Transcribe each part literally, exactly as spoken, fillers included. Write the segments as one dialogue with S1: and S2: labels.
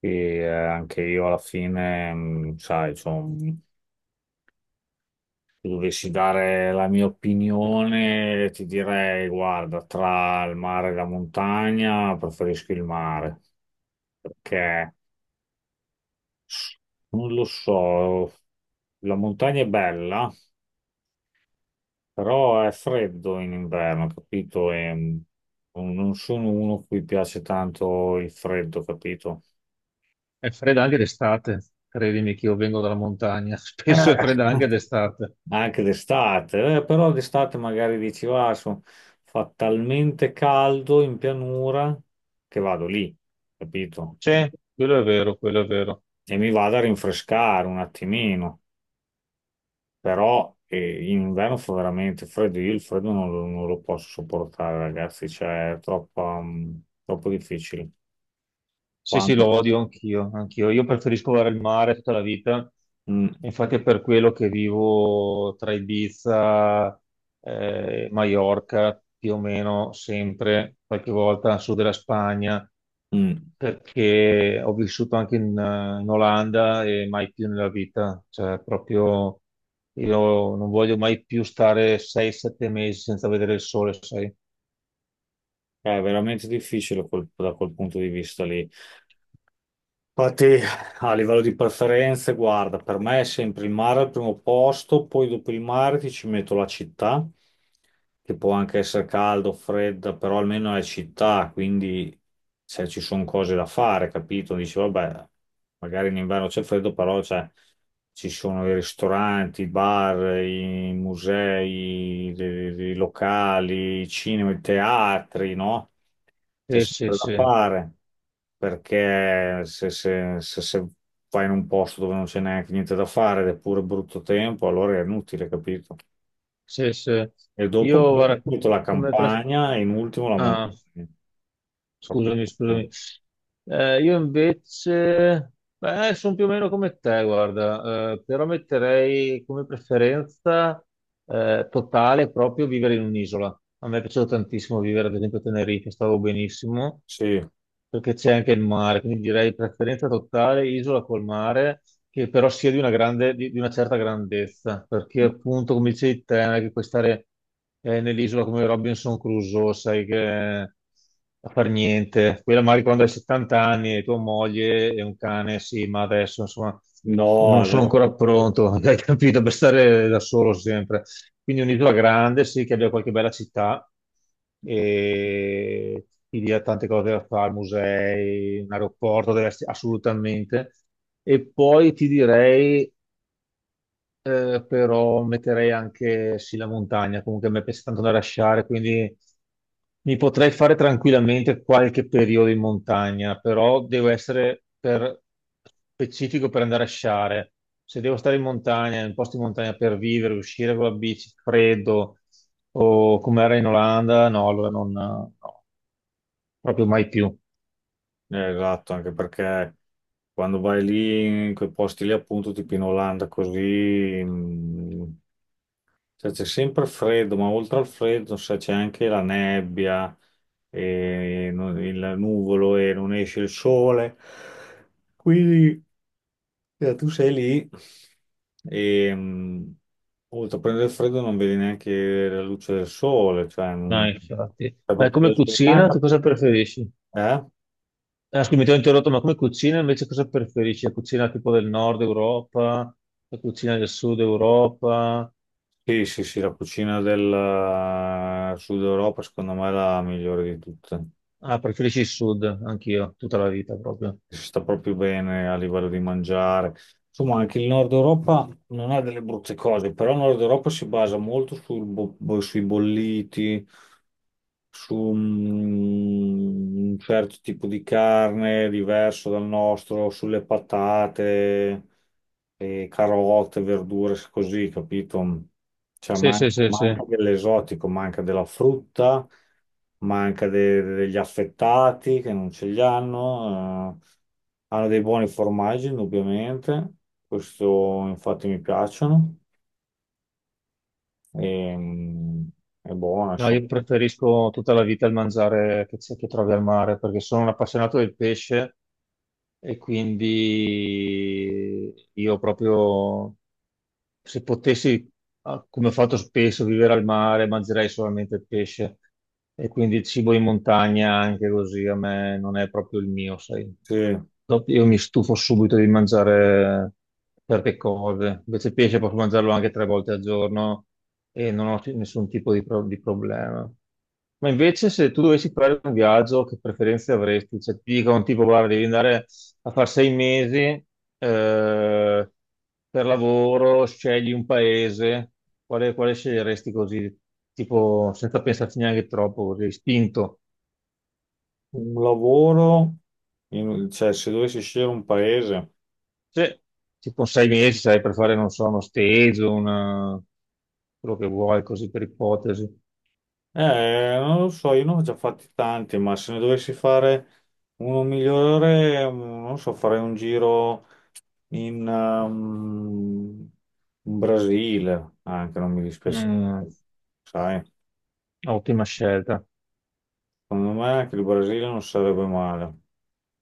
S1: E eh, anche io alla fine, mh, sai, insomma, se dovessi dare la mia opinione, ti direi, guarda, tra il mare e la montagna, preferisco il mare, perché non lo so, la montagna è bella, però è freddo in inverno, capito? E, mh, non sono uno a cui piace tanto il freddo, capito?
S2: È fredda anche d'estate, credimi che io vengo dalla montagna,
S1: Eh,
S2: spesso è fredda anche
S1: Eh,
S2: d'estate.
S1: anche d'estate, eh, però d'estate magari dici, va, so- fa talmente caldo in pianura che vado lì, capito?
S2: Sì, quello è vero, quello è vero.
S1: E mi vado a rinfrescare un attimino, però eh, in inverno fa veramente freddo, io il freddo non, lo non lo posso sopportare, ragazzi, cioè è troppo, mm, troppo difficile.
S2: Sì, sì, lo
S1: Quando...
S2: odio anch'io, anch'io. Io preferisco guardare il mare tutta la vita,
S1: Mm,
S2: infatti è per quello che vivo tra Ibiza, eh, Maiorca, più o meno sempre, qualche volta al sud della Spagna,
S1: mm.
S2: perché ho vissuto anche in, eh, in Olanda e mai più nella vita, cioè proprio io non voglio mai più stare sei sette mesi senza vedere il sole, sai?
S1: È veramente difficile quel- da quel punto di vista lì. Infatti, a livello di preferenze, guarda, per me è sempre il mare al primo posto, poi dopo il mare ti ci metto la città, che può anche essere caldo, fredda, però almeno è città, quindi se ci sono cose da fare, capito? Dici, vabbè, magari in inverno c'è freddo, però cioè, ci sono i ristoranti, i bar, i musei, i, i locali, i cinema, i teatri, no? C'è
S2: Sì, sì,
S1: sempre da
S2: sì,
S1: fare, perché se, se- se- se vai in un posto dove non c'è neanche niente da fare ed è pure brutto tempo, allora è inutile, capito?
S2: sì, sì.
S1: E dopo
S2: Io
S1: poi ti
S2: guarda, co-
S1: metto la
S2: come, pref-
S1: campagna e in ultimo la montagna.
S2: ah,
S1: Proprio
S2: scusami,
S1: ultimo.
S2: scusami. Eh, io invece, beh, sono più o meno come te, guarda, eh, però metterei come preferenza eh, totale proprio vivere in un'isola. A me è piaciuto tantissimo vivere, ad esempio, a Tenerife, stavo benissimo
S1: Sì,
S2: perché c'è anche il mare, quindi direi preferenza totale isola col mare, che però sia di una grande, di, di una certa grandezza, perché appunto, come dicevi te, non è che puoi stare eh, nell'isola come Robinson Crusoe, sai che a far niente. Quella magari quando hai settanta anni e tua moglie e un cane, sì, ma adesso insomma
S1: no,
S2: non sono
S1: adesso-
S2: ancora pronto, hai capito, per stare da solo sempre. Quindi un'isola grande, sì, che abbia qualche bella città e ti dia tante cose da fare, musei, un aeroporto deve essere assolutamente. E poi ti direi eh, però metterei anche sì la montagna, comunque a me piace tanto andare a sciare, quindi mi potrei fare tranquillamente qualche periodo in montagna, però devo essere per- specifico per andare a sciare. Se devo stare in montagna, in un posto in montagna per vivere, uscire con la bici, freddo o come era in Olanda, no, allora non, no, proprio mai più.
S1: eh, esatto, anche perché quando vai lì in quei posti lì appunto tipo in Olanda così, mm, cioè, c'è sempre freddo, ma oltre al freddo, sai, c'è anche la nebbia, e non- il nuvolo e non esce il sole. Quindi eh, tu sei lì e, mm, oltre a prendere il freddo non vedi neanche la luce del sole, cioè
S2: No,
S1: non-
S2: infatti.
S1: è
S2: Ma
S1: proprio
S2: come
S1: la
S2: cucina, tu
S1: giornata.
S2: cosa preferisci?
S1: Eh?
S2: Ah, scusa, mi ti ho interrotto, ma come cucina invece cosa preferisci? La cucina tipo del nord Europa, la cucina del sud Europa?
S1: Sì, sì, sì, la cucina del eh, Sud Europa secondo me è la migliore di tutte.
S2: Ah, preferisci il sud, anch'io, tutta la vita proprio.
S1: Si sta proprio bene a livello di mangiare. Insomma, anche il Nord Europa non ha delle brutte cose, però il Nord Europa si basa molto sul bo- bo- sui bolliti, su un certo tipo di carne diverso dal nostro, sulle patate, e carote, verdure, così, capito? Cioè,
S2: Sì,
S1: man-
S2: sì, sì, sì.
S1: manca dell'esotico, manca della frutta, manca de- degli affettati che non ce li hanno. Eh. Hanno dei buoni formaggi, indubbiamente. Questo infatti mi piacciono. E, mm, è buono,
S2: No,
S1: insomma.
S2: io preferisco tutta la vita il mangiare che, c'è- che trovi al mare perché sono un appassionato del pesce e quindi io proprio se potessi, ah, come ho fatto spesso, vivere al mare, mangerei solamente il pesce, e quindi il cibo in montagna anche così a me non è proprio il mio, sai.
S1: Sì.
S2: Dopo io mi stufo subito di mangiare certe cose, invece il pesce posso mangiarlo anche tre volte al giorno e non ho nessun tipo di, pro- di problema. Ma invece se tu dovessi fare un viaggio, che preferenze avresti? Cioè ti dicono tipo, guarda, devi andare a fare sei mesi eh, per lavoro, scegli un paese, quale, quale sceglieresti così, tipo senza pensarci neanche troppo, così, spinto?
S1: Un lavoro, in- cioè se dovessi scegliere un paese,
S2: Sì, tipo sei mesi, sai, per fare, non so, uno stage, una... quello che vuoi, così per ipotesi.
S1: eh, non lo so, io ne ho già fatti tanti, ma se ne dovessi fare uno migliore, mm, non so, farei un giro in, ehm, in Brasile, anche non mi dispiace,
S2: Mm,
S1: sai,
S2: ottima scelta,
S1: secondo me anche il Brasile non sarebbe male,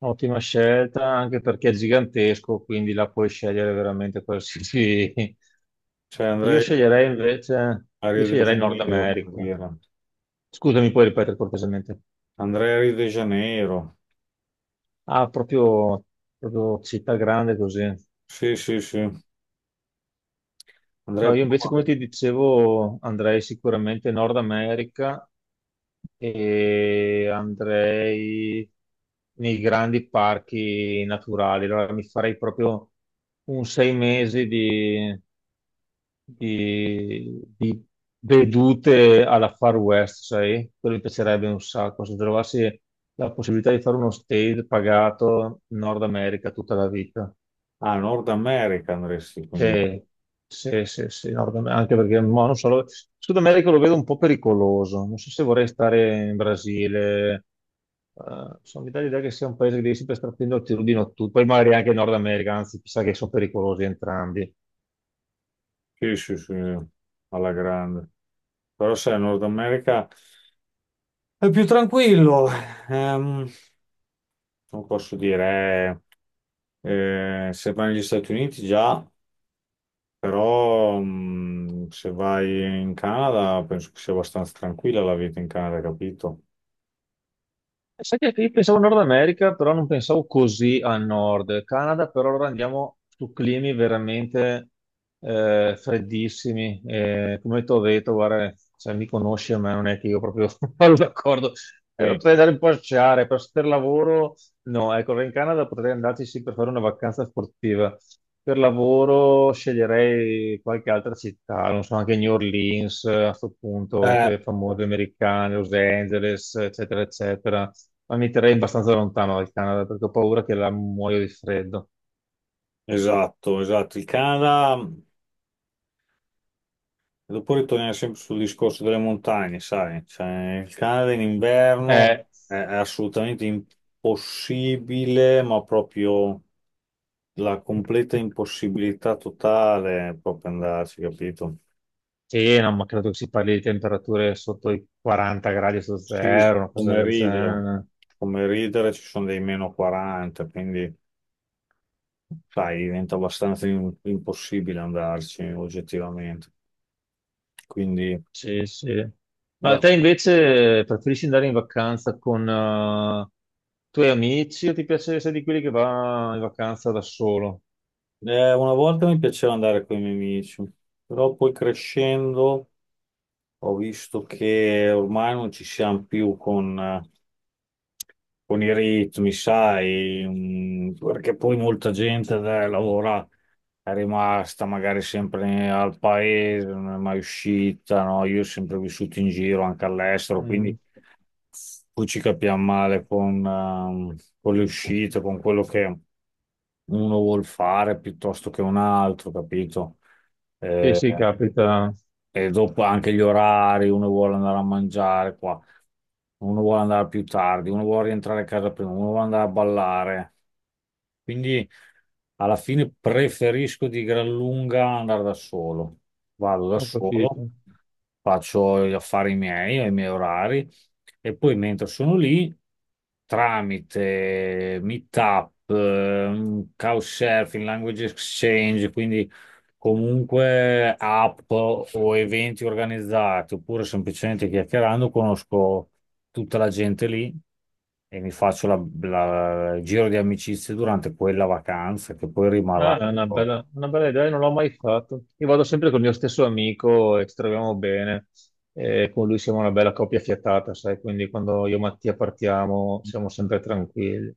S2: ottima scelta anche perché è gigantesco, quindi la puoi scegliere veramente qualsiasi.
S1: cioè
S2: Io
S1: andrei
S2: sceglierei invece,
S1: a
S2: io
S1: Rio de
S2: sceglierei Nord
S1: Janeiro, per
S2: America.
S1: dire.
S2: Scusami, puoi ripetere cortesemente?
S1: Andrei a Rio de Janeiro,
S2: Ah, proprio, proprio città grande così.
S1: sì, sì, sì, andrei
S2: No,
S1: a...
S2: io invece, come ti dicevo, andrei sicuramente in Nord America e andrei nei grandi parchi naturali. Allora mi farei proprio un sei mesi di, di- di vedute alla Far West, sai? Quello mi piacerebbe un sacco. Se trovassi la possibilità di fare uno stage pagato in Nord America tutta la vita.
S1: Ah, Nord America andresti quindi.
S2: Sì, sì, sì, sì, Nord Am- anche perché mo, non so, lo- Sud America lo vedo un po' pericoloso, non so se vorrei stare in Brasile. Eh, sono Mi dà l'idea che sia un paese che devi sempre stare attento al tiro di notturno, poi magari anche Nord America, anzi chissà, che sono pericolosi entrambi.
S1: Sì, sì, sì, alla grande. Però sai, Nord America è più tranquillo. Ehm, non posso dire, eh, eh, se vai negli Stati Uniti già, però mh, se vai in Canada penso che sia abbastanza tranquilla la vita in Canada, capito?
S2: Sai che io pensavo Nord America, però non pensavo così a nord. Canada, però allora andiamo su climi veramente eh, freddissimi. Eh, come ti ho detto, guarda, cioè, mi conosci a me, non è che io proprio parlo d'accordo. Eh,
S1: Sì.
S2: potrei andare un po' a sciare, per, per lavoro, no. Ecco, allora in Canada potrei andarci sì per fare una vacanza sportiva. Per lavoro sceglierei qualche altra città, non so, anche New Orleans, eh, a questo punto,
S1: Eh,
S2: quelle famose americane, Los Angeles, eccetera, eccetera, ma mi terrei abbastanza lontano dal Canada perché ho paura che la muoio di freddo.
S1: esatto, esatto. Il Canada. Dopo ritorniamo sempre sul discorso delle montagne, sai, cioè, il Canada in inverno
S2: Eh,
S1: è, è assolutamente impossibile, ma proprio la completa impossibilità totale è proprio andarci, capito?
S2: sì, no, ma credo che si parli di temperature sotto i quaranta gradi su
S1: Sì,
S2: zero, una cosa
S1: come
S2: del
S1: ridere,
S2: genere.
S1: come ridere ci sono dei meno quaranta, quindi sai, diventa abbastanza im- impossibile andarci oggettivamente. Quindi
S2: Sì, sì. Ma
S1: da-
S2: te invece preferisci andare in vacanza con eh, i tuoi amici o ti piace essere di quelli che va in vacanza da solo?
S1: eh, una volta mi piaceva andare con i miei amici, però poi crescendo. Ho visto che ormai non ci siamo più con, eh, con i ritmi, sai, mm, perché poi molta gente eh, lavora, è rimasta magari sempre al paese, non è mai uscita, no? Io ho sempre vissuto in giro anche all'estero, quindi
S2: Mm.
S1: poi ci capiamo male con, ehm, con le uscite, con quello che uno vuol fare piuttosto che un altro, capito?
S2: Sì,
S1: Eh,
S2: sì, capita,
S1: e dopo anche gli orari, uno vuole andare a mangiare qua, uno vuole andare più tardi, uno vuole rientrare a casa prima, uno vuole andare a ballare. Quindi alla fine preferisco di gran lunga andare da solo. Vado da
S2: ho
S1: solo,
S2: capito.
S1: faccio gli affari miei, ho i miei orari e poi mentre sono lì, tramite Meetup, ehm, Couchsurfing, Language Exchange, quindi comunque app o eventi organizzati, oppure semplicemente chiacchierando, conosco tutta la gente lì e mi faccio la- la- il giro di amicizie durante quella vacanza che poi
S2: Ah,
S1: rimarrà.
S2: è una
S1: Ecco.
S2: bella, una bella idea, non l'ho mai fatto. Io vado sempre col mio stesso amico e ci troviamo bene. E con lui siamo una bella coppia fiatata, sai? Quindi quando io e Mattia partiamo siamo sempre tranquilli.